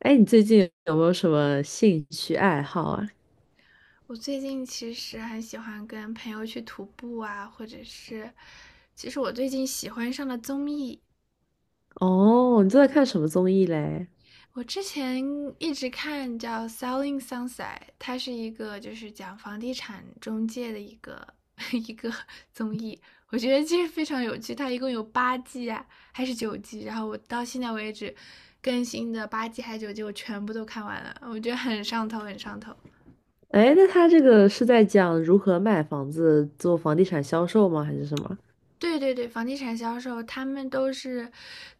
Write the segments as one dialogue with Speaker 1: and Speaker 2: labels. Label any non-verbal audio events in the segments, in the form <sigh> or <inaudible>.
Speaker 1: 哎，你最近有没有什么兴趣爱好啊？
Speaker 2: 我最近其实很喜欢跟朋友去徒步啊，或者是，其实我最近喜欢上了综艺。
Speaker 1: 哦，你正在看什么综艺嘞？
Speaker 2: 我之前一直看叫《Selling Sunset》，它是一个就是讲房地产中介的一个 <laughs> 一个综艺，我觉得其实非常有趣。它一共有八季啊，还是九季？然后我到现在为止更新的八季还是九季，我全部都看完了，我觉得很上头，很上头。
Speaker 1: 哎，那他这个是在讲如何卖房子、做房地产销售吗？还是什么？
Speaker 2: 对对对，房地产销售他们都是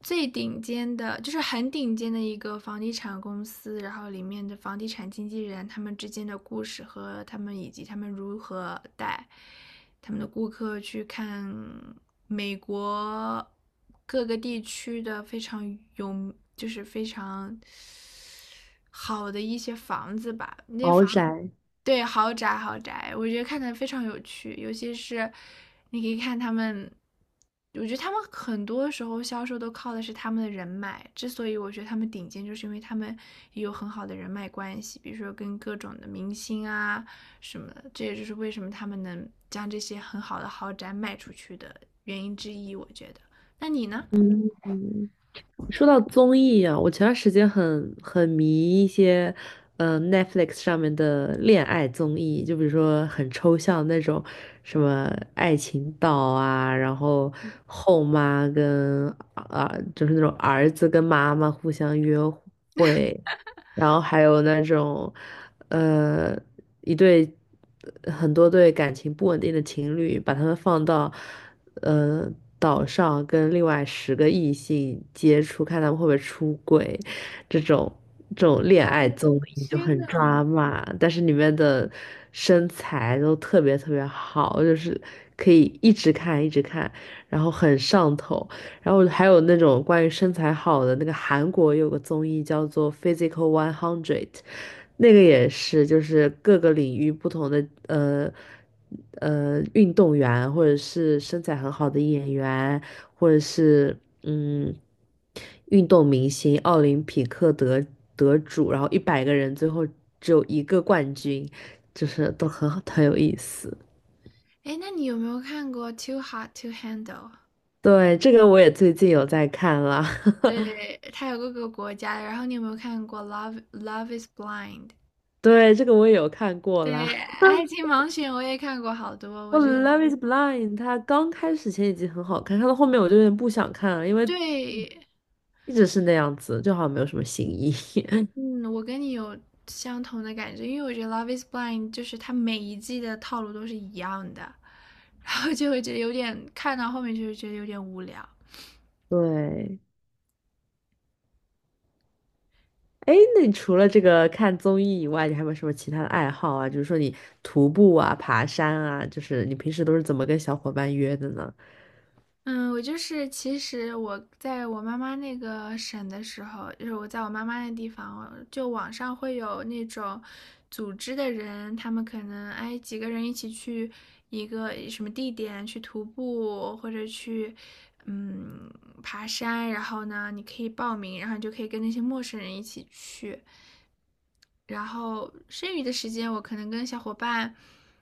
Speaker 2: 最顶尖的，就是很顶尖的一个房地产公司，然后里面的房地产经纪人他们之间的故事和他们以及他们如何带他们的顾客去看美国各个地区的非常有，就是非常好的一些房子吧，那些
Speaker 1: 豪
Speaker 2: 房子，
Speaker 1: 宅？
Speaker 2: 对，豪宅豪宅，我觉得看的非常有趣，尤其是你可以看他们，我觉得他们很多时候销售都靠的是他们的人脉，之所以我觉得他们顶尖，就是因为他们也有很好的人脉关系，比如说跟各种的明星啊什么的，这也就是为什么他们能将这些很好的豪宅卖出去的原因之一，我觉得。那你呢？
Speaker 1: 嗯说到综艺啊，我前段时间很迷一些，Netflix 上面的恋爱综艺，就比如说很抽象那种，什么爱情岛啊，然后后妈跟啊，就是那种儿子跟妈妈互相约会，然后还有那种，呃，一对很多对感情不稳定的情侣，把他们放到，呃岛上跟另外10个异性接触，看他们会不会出轨，这种这种恋爱综艺就
Speaker 2: 天
Speaker 1: 很
Speaker 2: 呐，
Speaker 1: 抓马，但是里面的身材都特别特别好，就是可以一直看一直看，然后很上头。然后还有那种关于身材好的，那个韩国有个综艺叫做《Physical One Hundred》，那个也是，就是各个领域不同的运动员，或者是身材很好的演员，或者是嗯运动明星、奥林匹克得主，然后100个人最后只有一个冠军，就是都很好，很有意思。
Speaker 2: 哎，那你有没有看过《Too Hot to Handle》?
Speaker 1: 对，这个我也最近有在看啦。<laughs>
Speaker 2: 对，它有各个国家的然后你有没有看过《Love Is Blind》?
Speaker 1: 对，这个我也有看过
Speaker 2: 对，
Speaker 1: 啦。
Speaker 2: 《爱情盲选》我也看过好多，我
Speaker 1: 我
Speaker 2: 觉得
Speaker 1: 《Love Is Blind》它刚开始前几集很好看，看到后面我就有点不想看了，因为
Speaker 2: 对，
Speaker 1: 一直是那样子，就好像没有什么新意。
Speaker 2: 嗯，我跟你有相同的感觉，因为我觉得《Love Is Blind》就是它每一季的套路都是一样的，然后就会觉得有点看到后面就是觉得有点无聊。
Speaker 1: <laughs> 对，哎，那你除了这个看综艺以外，你还有没有什么其他的爱好啊？就是说你徒步啊、爬山啊，就是你平时都是怎么跟小伙伴约的呢？
Speaker 2: 嗯，我就是，其实我在我妈妈那个省的时候，就是我在我妈妈那地方，就网上会有那种组织的人，他们可能哎几个人一起去一个什么地点去徒步或者去嗯爬山，然后呢你可以报名，然后你就可以跟那些陌生人一起去，然后剩余的时间，我可能跟小伙伴，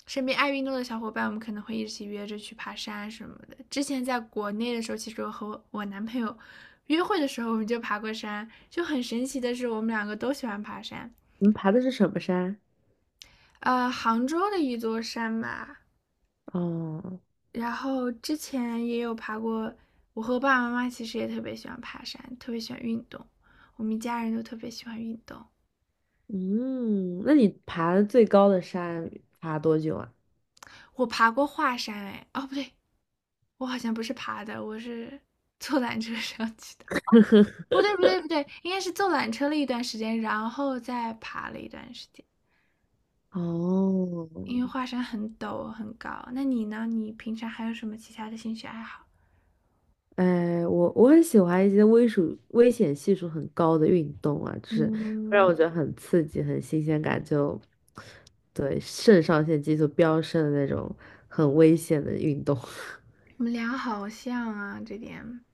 Speaker 2: 身边爱运动的小伙伴，我们可能会一起约着去爬山什么的。之前在国内的时候，其实我和我男朋友约会的时候，我们就爬过山。就很神奇的是，我们两个都喜欢爬山。
Speaker 1: 你们爬的是什么山？
Speaker 2: 杭州的一座山吧，
Speaker 1: 哦，
Speaker 2: 然后之前也有爬过。我和爸爸妈妈其实也特别喜欢爬山，特别喜欢运动。我们一家人都特别喜欢运动。
Speaker 1: 嗯，那你爬的最高的山爬多久啊？
Speaker 2: 我爬过华山，哎，哦不对，我好像不是爬的，我是 <laughs> 坐缆车上去的。不对，不对，不对，应该是坐缆车了一段时间，然后再爬了一段时间。
Speaker 1: 哦，
Speaker 2: 因为华山很陡很高。那你呢？你平常还有什么其他的兴趣爱好？
Speaker 1: 哎，我很喜欢一些危险系数很高的运动啊，就是会让
Speaker 2: 嗯，
Speaker 1: 我觉得很刺激、很新鲜感就，对，肾上腺激素飙升的那种很危险的运动。<laughs>
Speaker 2: 我们俩好像啊，这点。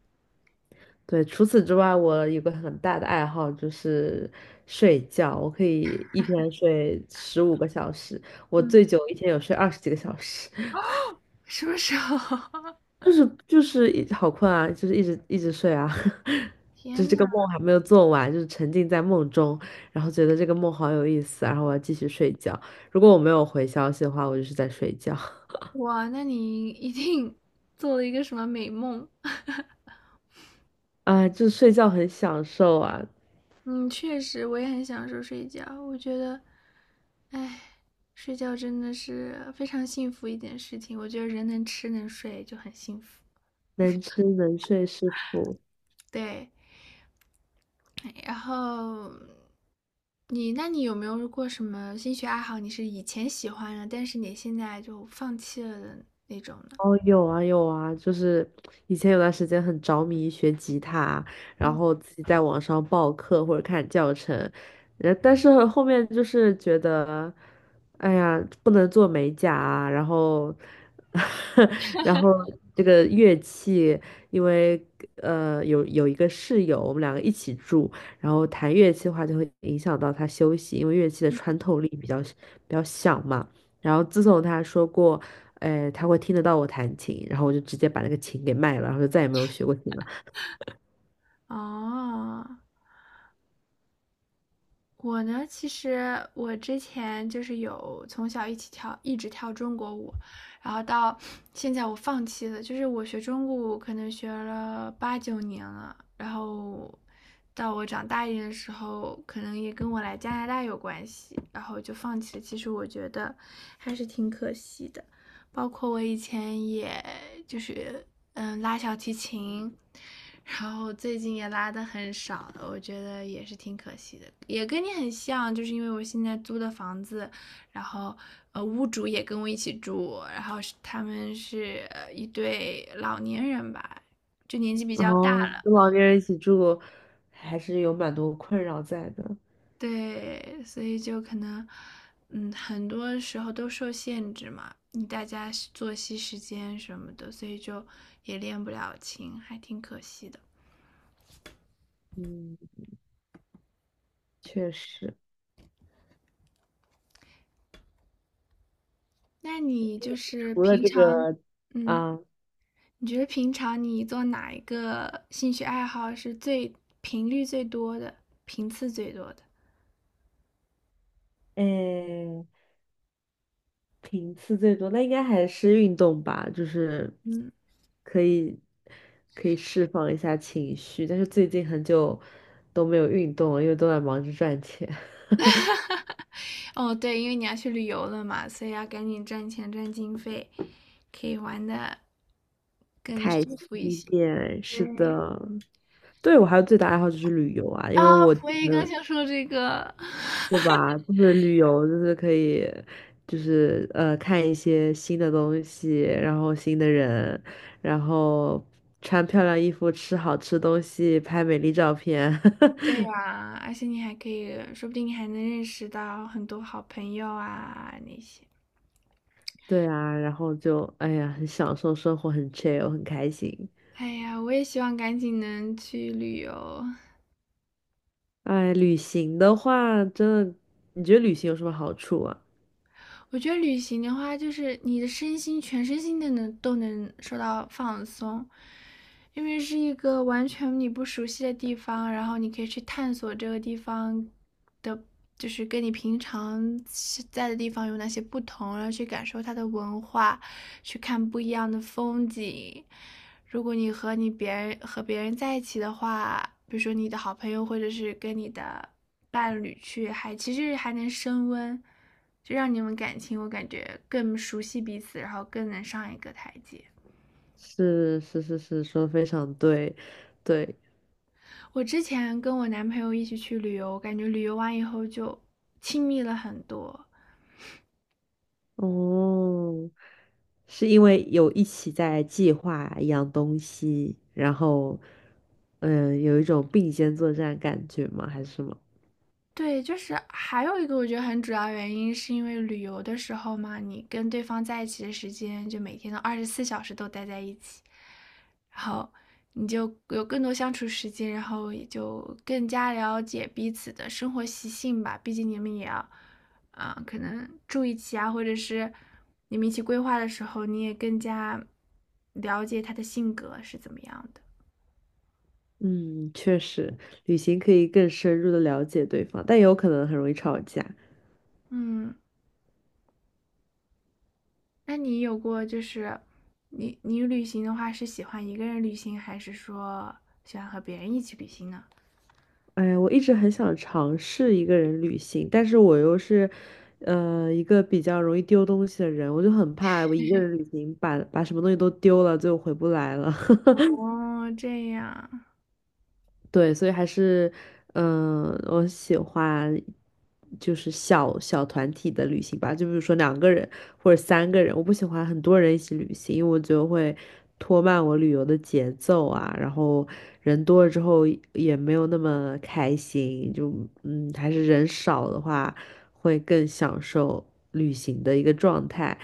Speaker 1: 对，除此之外，我有个很大的爱好就是睡觉，我可以一天睡15个小时，我最
Speaker 2: 嗯，
Speaker 1: 久一天有睡20几个小时。
Speaker 2: 什么时候？<laughs>
Speaker 1: 就是一好困啊，就是一直一直睡啊，<laughs>
Speaker 2: 天
Speaker 1: 就是这个
Speaker 2: 呐，
Speaker 1: 梦还没有做完，就是沉浸在梦中，然后觉得这个梦好有意思，然后我要继续睡觉。如果我没有回消息的话，我就是在睡觉。
Speaker 2: 哇，那你一定做了一个什么美梦？<laughs>
Speaker 1: <laughs> 啊，就是睡觉很享受啊，
Speaker 2: 嗯，确实，我也很享受睡觉。我觉得，哎，睡觉真的是非常幸福一件事情。我觉得人能吃能睡就很幸福。
Speaker 1: 能吃能睡是福。
Speaker 2: 对，哎然后那你有没有过什么兴趣爱好？你是以前喜欢的，但是你现在就放弃了的那种呢？
Speaker 1: 哦，有啊有啊，就是以前有段时间很着迷学吉他，然后自己在网上报课或者看教程，但是后面就是觉得，哎呀，不能做美甲啊，然后，<laughs> 然后这个乐器，因为有一个室友，我们两个一起住，然后弹乐器的话就会影响到他休息，因为乐器的穿透力比较小嘛。然后自从他说过，哎，他会听得到我弹琴，然后我就直接把那个琴给卖了，然后就再也没有学过琴了。
Speaker 2: 哦，我呢，其实我之前就是有从小一起跳，一直跳中国舞，然后到现在我放弃了。就是我学中国舞可能学了八九年了，然后到我长大一点的时候，可能也跟我来加拿大有关系，然后就放弃了。其实我觉得还是挺可惜的。包括我以前也就是拉小提琴，然后最近也拉的很少了，我觉得也是挺可惜的，也跟你很像，就是因为我现在租的房子，然后屋主也跟我一起住，然后是他们是一对老年人吧，就年纪比
Speaker 1: 然
Speaker 2: 较
Speaker 1: 后
Speaker 2: 大了，
Speaker 1: 跟老年人一起住，还是有蛮多困扰在的。
Speaker 2: 对，所以就可能，嗯，很多时候都受限制嘛，你大家是作息时间什么的，所以就也练不了琴，还挺可惜的。
Speaker 1: 嗯，确实，
Speaker 2: 那你就是
Speaker 1: 除了
Speaker 2: 平
Speaker 1: 这
Speaker 2: 常，
Speaker 1: 个
Speaker 2: 嗯，
Speaker 1: 啊，
Speaker 2: 你觉得平常你做哪一个兴趣爱好是最频率最多的，频次最多的？
Speaker 1: 哎，频次最多，那应该还是运动吧，就是
Speaker 2: 嗯，
Speaker 1: 可以可以释放一下情绪，但是最近很久都没有运动了，因为都在忙着赚钱。
Speaker 2: <laughs> 哦，对，因为你要去旅游了嘛，所以要赶紧赚钱赚经费，可以玩的更
Speaker 1: 开
Speaker 2: 舒
Speaker 1: 心
Speaker 2: 服一
Speaker 1: 一
Speaker 2: 些。
Speaker 1: 点，是
Speaker 2: 对，
Speaker 1: 的。对，我还有最大爱好就是旅游啊，因为
Speaker 2: 啊，
Speaker 1: 我觉
Speaker 2: 我也刚
Speaker 1: 得，
Speaker 2: 想说这个。
Speaker 1: 对吧？就是旅游，就是可以，就是看一些新的东西，然后新的人，然后穿漂亮衣服，吃好吃东西，拍美丽照片。
Speaker 2: 对
Speaker 1: <laughs>
Speaker 2: 呀，而且你还可以，说不定你还能认识到很多好朋友啊那些。
Speaker 1: 对啊，然后就哎呀，很享受生活，很 chill，很开心。
Speaker 2: 哎呀，我也希望赶紧能去旅游。
Speaker 1: 哎，旅行的话，真的，你觉得旅行有什么好处啊？
Speaker 2: 我觉得旅行的话，就是你的身心、全身心的能都能受到放松，因为是一个完全你不熟悉的地方，然后你可以去探索这个地方的，就是跟你平常在的地方有哪些不同，然后去感受它的文化，去看不一样的风景。如果你和你别人和别人在一起的话，比如说你的好朋友或者是跟你的伴侣去，还其实还能升温。就让你们感情我感觉更熟悉彼此，然后更能上一个台阶。
Speaker 1: 是是是是，说得非常对，对，
Speaker 2: 我之前跟我男朋友一起去旅游，感觉旅游完以后就亲密了很多，
Speaker 1: 哦，是因为有一起在计划一样东西，然后，嗯，有一种并肩作战感觉吗？还是什么？
Speaker 2: 对，就是还有一个我觉得很主要原因，是因为旅游的时候嘛，你跟对方在一起的时间，就每天都24小时都待在一起，然后你就有更多相处时间，然后也就更加了解彼此的生活习性吧。毕竟你们也要啊、可能住一起啊，或者是你们一起规划的时候，你也更加了解他的性格是怎么样的。
Speaker 1: 嗯，确实，旅行可以更深入的了解对方，但也有可能很容易吵架。
Speaker 2: 嗯，那你有过就是你旅行的话是喜欢一个人旅行，还是说喜欢和别人一起旅行呢？
Speaker 1: 哎呀，我一直很想尝试一个人旅行，但是我又是，一个比较容易丢东西的人，我就很怕我一个人旅行把什么东西都丢了，最后回不来了。<laughs>
Speaker 2: 哦，这样。
Speaker 1: 对，所以还是，我喜欢就是小小团体的旅行吧，就比如说两个人或者3个人，我不喜欢很多人一起旅行，因为我觉得会拖慢我旅游的节奏啊，然后人多了之后也没有那么开心，就还是人少的话会更享受旅行的一个状态。